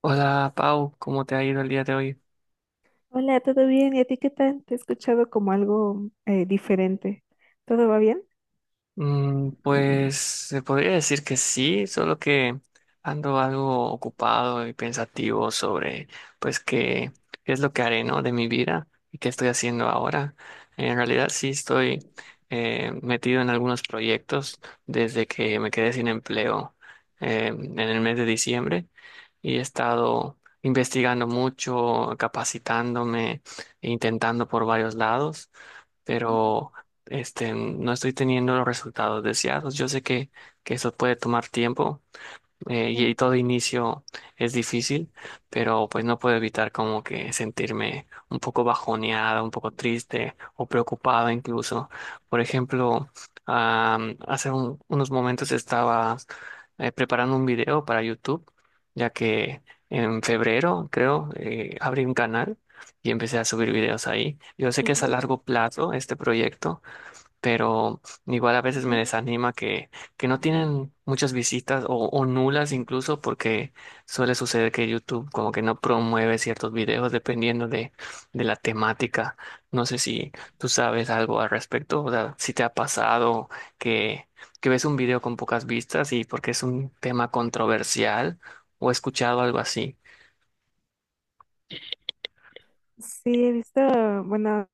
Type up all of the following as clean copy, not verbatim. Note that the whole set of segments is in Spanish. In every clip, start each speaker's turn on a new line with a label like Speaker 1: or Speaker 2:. Speaker 1: Hola Pau, ¿cómo te ha ido el día de hoy?
Speaker 2: Hola, ¿todo bien? ¿Y a ti qué tal? Te he escuchado como algo diferente. ¿Todo va bien?
Speaker 1: Mm, pues se podría decir que sí, solo que ando algo ocupado y pensativo sobre pues qué es lo que haré, ¿no? De mi vida y qué estoy haciendo ahora. En realidad sí estoy metido en algunos proyectos desde que me quedé sin empleo en el mes de diciembre y he estado investigando mucho, capacitándome, e intentando por varios lados
Speaker 2: Ujú,
Speaker 1: pero no estoy teniendo los resultados deseados. Yo sé que eso puede tomar tiempo y
Speaker 2: claro.
Speaker 1: todo inicio es difícil, pero pues no puedo evitar como que sentirme un poco bajoneada, un poco triste o preocupada incluso. Por ejemplo, unos momentos estaba preparando un video para YouTube, ya que en febrero, creo, abrí un canal y empecé a subir videos ahí. Yo sé que es a
Speaker 2: Ok,
Speaker 1: largo plazo este proyecto pero igual a veces me
Speaker 2: ujú.
Speaker 1: desanima que no tienen muchas visitas o nulas incluso porque suele suceder que YouTube como que no promueve ciertos videos dependiendo de la temática. No sé si tú sabes algo al respecto, o sea, si te ha pasado que, que ves un video con pocas vistas y porque es un tema controversial o he escuchado algo así.
Speaker 2: Sí, he visto, bueno,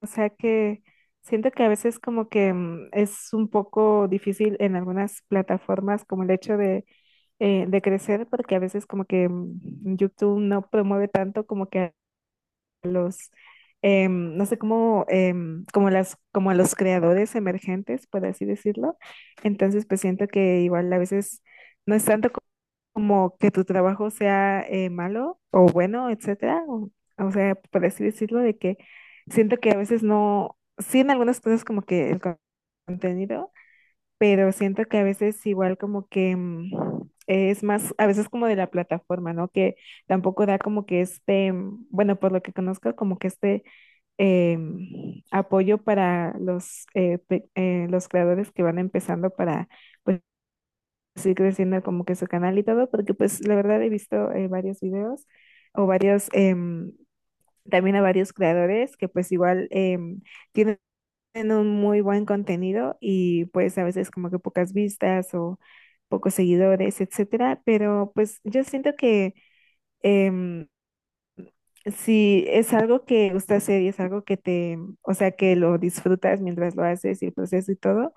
Speaker 2: o sea que siento que a veces como que es un poco difícil en algunas plataformas como el hecho de crecer, porque a veces como que YouTube no promueve tanto como que a los, no sé cómo, como las, como a los creadores emergentes, por así decirlo. Entonces pues siento que igual a veces no es tanto como que tu trabajo sea malo o bueno, etcétera. O sea, por así decirlo, de que siento que a veces no, sí en algunas cosas como que el contenido, pero siento que a veces igual como que es más, a veces como de la plataforma, ¿no? Que tampoco da como que este, bueno, por lo que conozco, como que este apoyo para los, los creadores que van empezando para pues, así creciendo como que su canal y todo, porque pues la verdad he visto varios videos o varios, también a varios creadores que pues igual tienen un muy buen contenido y pues a veces como que pocas vistas o pocos seguidores, etcétera, pero pues yo siento que em, si es algo que gusta hacer y es algo que te, o sea, que lo disfrutas mientras lo haces y el proceso y todo,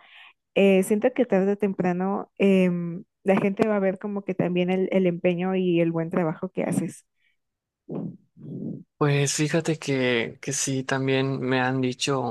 Speaker 2: siento que tarde o temprano la gente va a ver como que también el empeño y el buen trabajo que haces. Ujú,
Speaker 1: Pues fíjate que sí, también me han dicho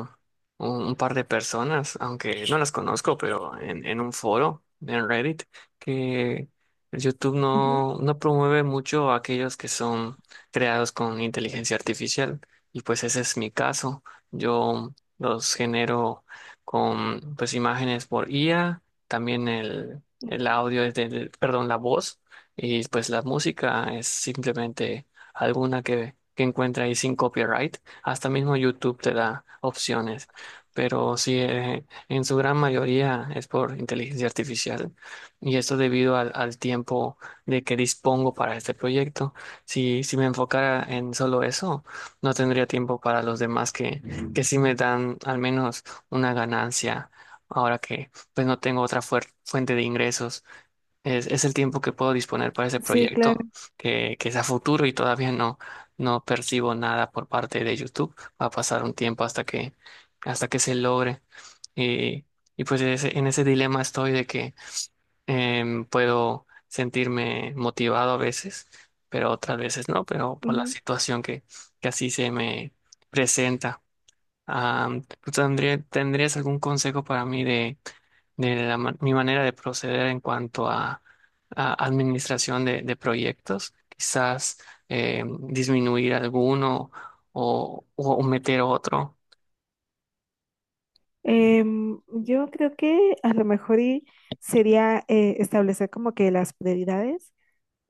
Speaker 1: un par de personas, aunque no las conozco, pero en un foro, en Reddit, que el YouTube no promueve mucho a aquellos que son creados con inteligencia artificial. Y pues ese es mi caso. Yo los genero con pues imágenes por IA, también el
Speaker 2: ujú.
Speaker 1: audio es del, perdón, la voz, y pues la música es simplemente alguna que encuentre ahí sin copyright. Hasta mismo YouTube te da opciones, pero sí, en su gran mayoría es por inteligencia artificial. Y esto debido al tiempo de que dispongo para este proyecto. Si me enfocara en solo eso, no tendría tiempo para los demás que sí me dan al menos una ganancia. Ahora que pues no tengo otra fuente de ingresos. Es el tiempo que puedo disponer para ese
Speaker 2: Sí, claro.
Speaker 1: proyecto, que es a futuro y todavía no percibo nada por parte de YouTube. Va a pasar un tiempo hasta hasta que se logre. Y, y pues en ese dilema estoy de que puedo sentirme motivado a veces, pero otras veces no, pero por la
Speaker 2: Ujú.
Speaker 1: situación que así se me presenta. Ah, ¿ tendrías algún consejo para mí de la mi manera de proceder en cuanto a administración de proyectos, quizás eh, disminuir alguno o meter otro.
Speaker 2: Yo creo que a lo mejor y sería establecer como que las prioridades.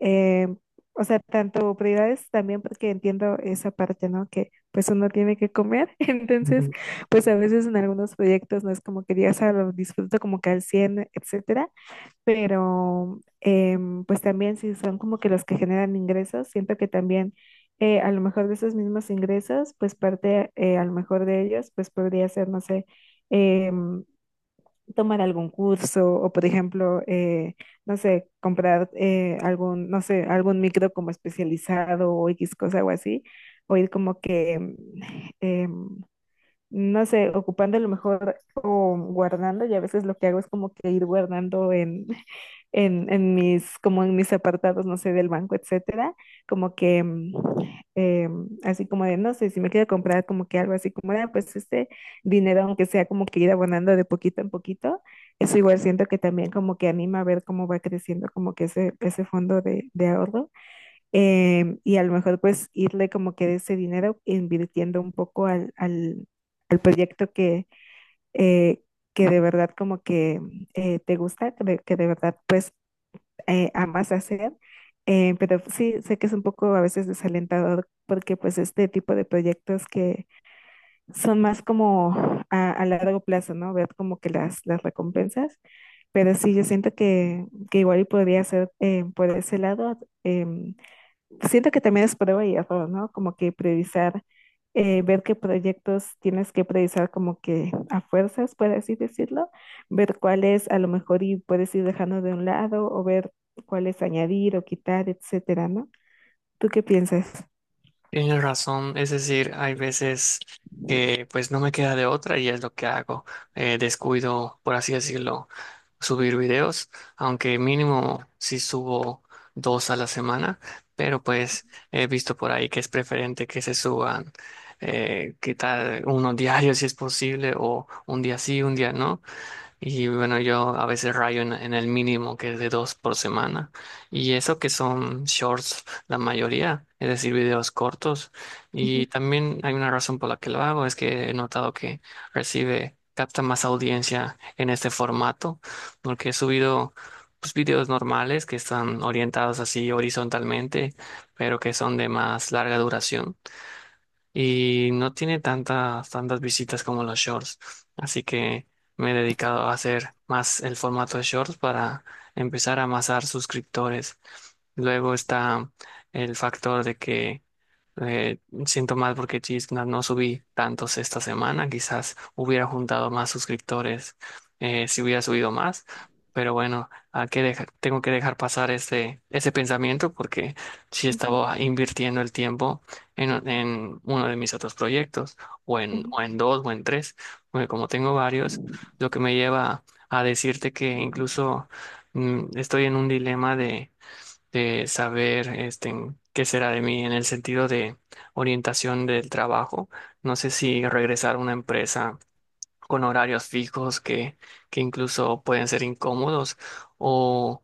Speaker 2: Eh, o sea, tanto prioridades también porque entiendo esa parte, ¿no? Que pues uno tiene que comer, entonces pues a veces en algunos proyectos no es como que digas, ah, lo disfruto como que al 100 etcétera, pero pues también si son como que los que generan ingresos, siento que también a lo mejor de esos mismos ingresos, pues parte a lo mejor de ellos, pues podría ser, no sé, em, tomar algún curso o, por ejemplo, no sé, comprar algún, no sé, algún micro como especializado o X cosa o así, o ir como que, em, no sé, ocupando a lo mejor o guardando, y a veces lo que hago es como que ir guardando en, en mis, como en mis apartados, no sé, del banco, etcétera, como que así como de, no sé, si me quiero comprar como que algo así como de, ah, pues este dinero, aunque sea como que ir abonando de poquito en poquito, eso igual siento que también como que anima a ver cómo va creciendo como que ese fondo de ahorro y a lo mejor pues irle como que de ese dinero invirtiendo un poco al, al, al proyecto eh, que de verdad como que te gusta, que de verdad pues amas hacer. Pero sí, sé que es un poco a veces desalentador porque pues este tipo de proyectos que son más como a largo plazo, ¿no? Ver como que las recompensas. Pero sí, yo siento que igual y podría ser por ese lado, em, siento que también es prueba y error, ¿no? Como que priorizar, ver qué proyectos tienes que priorizar como que a fuerzas, por así decirlo, ver cuáles a lo mejor y puedes ir dejando de un lado o ver cuáles añadir o quitar, etcétera, ¿no? ¿Tú qué piensas?
Speaker 1: Tienes razón, es decir, hay veces que pues no me queda de otra y es lo que hago. Descuido, por así decirlo, subir videos, aunque mínimo si subo dos a la semana, pero pues he visto por ahí que es preferente que se suban, qué tal, uno diario si es posible o un día sí, un día no, y bueno, yo a veces rayo en el mínimo que es de dos por semana. Y eso que son shorts, la mayoría, es decir, videos cortos. Y
Speaker 2: Ujú,
Speaker 1: también hay una razón por la que lo hago, es que he notado que recibe, capta más audiencia en este formato, porque he subido pues, videos normales que están orientados así horizontalmente, pero que son de más larga duración y no tiene tantas, tantas visitas como los shorts. Así que me he dedicado a hacer más el formato de shorts para empezar a amasar suscriptores. Luego está el factor de que eh, siento mal porque Chisna no subí tantos esta semana. Quizás hubiera juntado más suscriptores si hubiera subido más. Pero bueno, tengo que dejar pasar ese pensamiento porque sí
Speaker 2: ujú,
Speaker 1: estaba invirtiendo el tiempo en uno de mis otros proyectos, o
Speaker 2: ujú,
Speaker 1: o en dos, o en tres, porque como tengo varios, lo que me lleva a decirte que incluso mm, estoy en un dilema de saber este, en qué será de mí en el sentido de orientación del trabajo. No sé si regresar a una empresa con horarios fijos que incluso pueden ser incómodos, o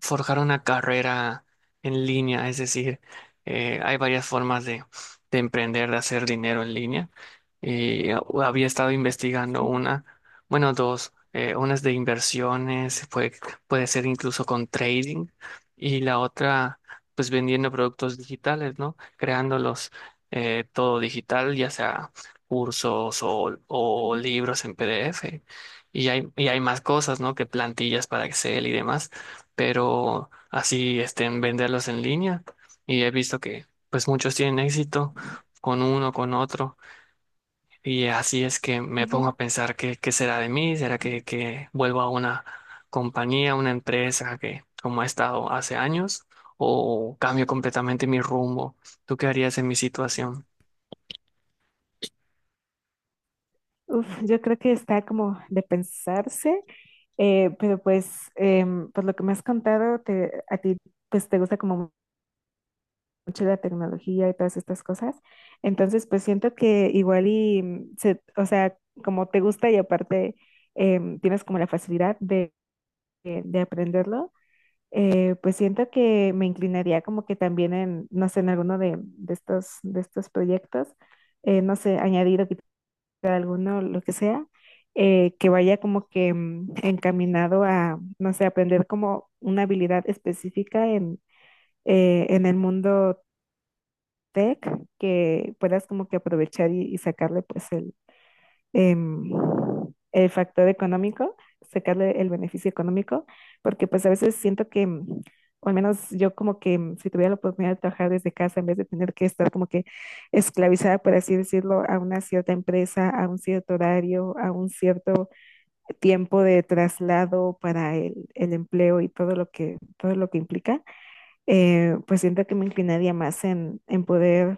Speaker 1: forjar una carrera en línea, es decir, hay varias formas de emprender, de hacer dinero en línea. Y había estado investigando
Speaker 2: sí,
Speaker 1: una, bueno, dos, una es de inversiones, puede ser incluso con trading, y la otra, pues vendiendo productos digitales, ¿no? Creándolos todo digital, ya sea cursos o
Speaker 2: ujú,
Speaker 1: libros en PDF. Y hay más cosas, ¿no? Que plantillas para Excel y demás. Pero así, este, en venderlos en línea. Y he visto que, pues, muchos tienen éxito con uno, con otro. Y así es que me
Speaker 2: ujú.
Speaker 1: pongo a pensar qué será de mí. ¿Será que vuelvo a una compañía, una
Speaker 2: Bueno,
Speaker 1: empresa que, como ha estado hace años? ¿O cambio completamente mi rumbo? ¿Tú qué harías en mi situación?
Speaker 2: uf, yo creo que está como de pensarse. Pero pues, por lo que me has contado, te, a ti pues te gusta como mucho la tecnología y todas estas cosas. Entonces, pues siento que igual y, o sea, como te gusta y aparte tienes como la facilidad de, de aprenderlo, pues siento que me inclinaría como que también en, no sé, en alguno de estos proyectos, no sé, añadir o alguno, lo que sea, que vaya como que encaminado a, no sé, aprender como una habilidad específica en el mundo tech, que puedas como que aprovechar y sacarle pues el, em, el factor económico, sacarle el beneficio económico, porque pues a veces siento que, o al menos yo como que si tuviera la oportunidad de trabajar desde casa en vez de tener que estar como que esclavizada, por así decirlo, a una cierta empresa, a un cierto horario, a un cierto tiempo de traslado para el empleo y todo lo que implica, pues siento que me inclinaría más en poder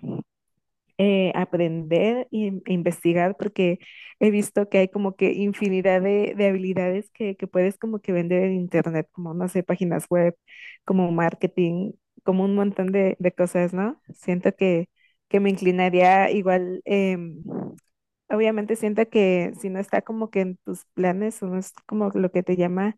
Speaker 2: aprender e investigar porque he visto que hay como que infinidad de habilidades que puedes como que vender en internet, como no sé, páginas web, como marketing, como un montón de cosas, ¿no? Siento que me inclinaría igual, obviamente siento que si no está como que en tus planes o no es como lo que te llama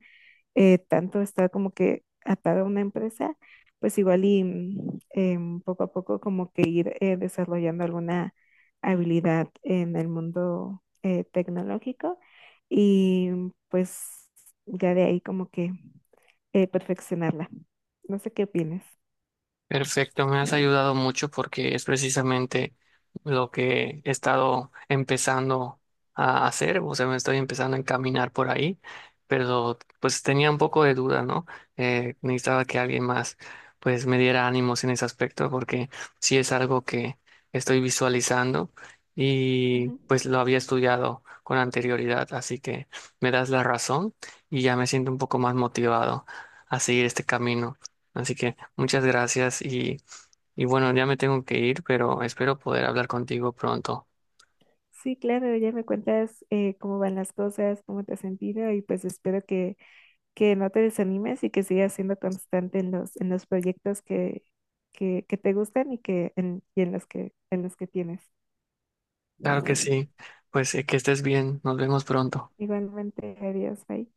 Speaker 2: tanto estar como que atado a una empresa, pues igual y poco a poco como que ir desarrollando alguna habilidad en el mundo tecnológico y pues ya de ahí como que perfeccionarla. No sé qué opinas.
Speaker 1: Perfecto, me has
Speaker 2: Ujú.
Speaker 1: ayudado mucho porque es precisamente lo que he estado empezando a hacer, o sea, me estoy empezando a encaminar por ahí, pero pues tenía un poco de duda, ¿no? Necesitaba que alguien más pues me diera ánimos en ese aspecto porque sí es algo que estoy visualizando y pues lo había estudiado con anterioridad, así que me das la razón y ya me siento un poco más motivado a seguir este camino. Así que muchas gracias y bueno, ya me tengo que ir, pero espero poder hablar contigo pronto.
Speaker 2: Sí, claro, ya me cuentas cómo van las cosas, cómo te has sentido y pues espero que no te desanimes y que sigas siendo constante en los proyectos que te gustan y que en, y en los que tienes.
Speaker 1: Claro que sí. Pues que estés bien. Nos vemos pronto.
Speaker 2: Igualmente, adiós, bye.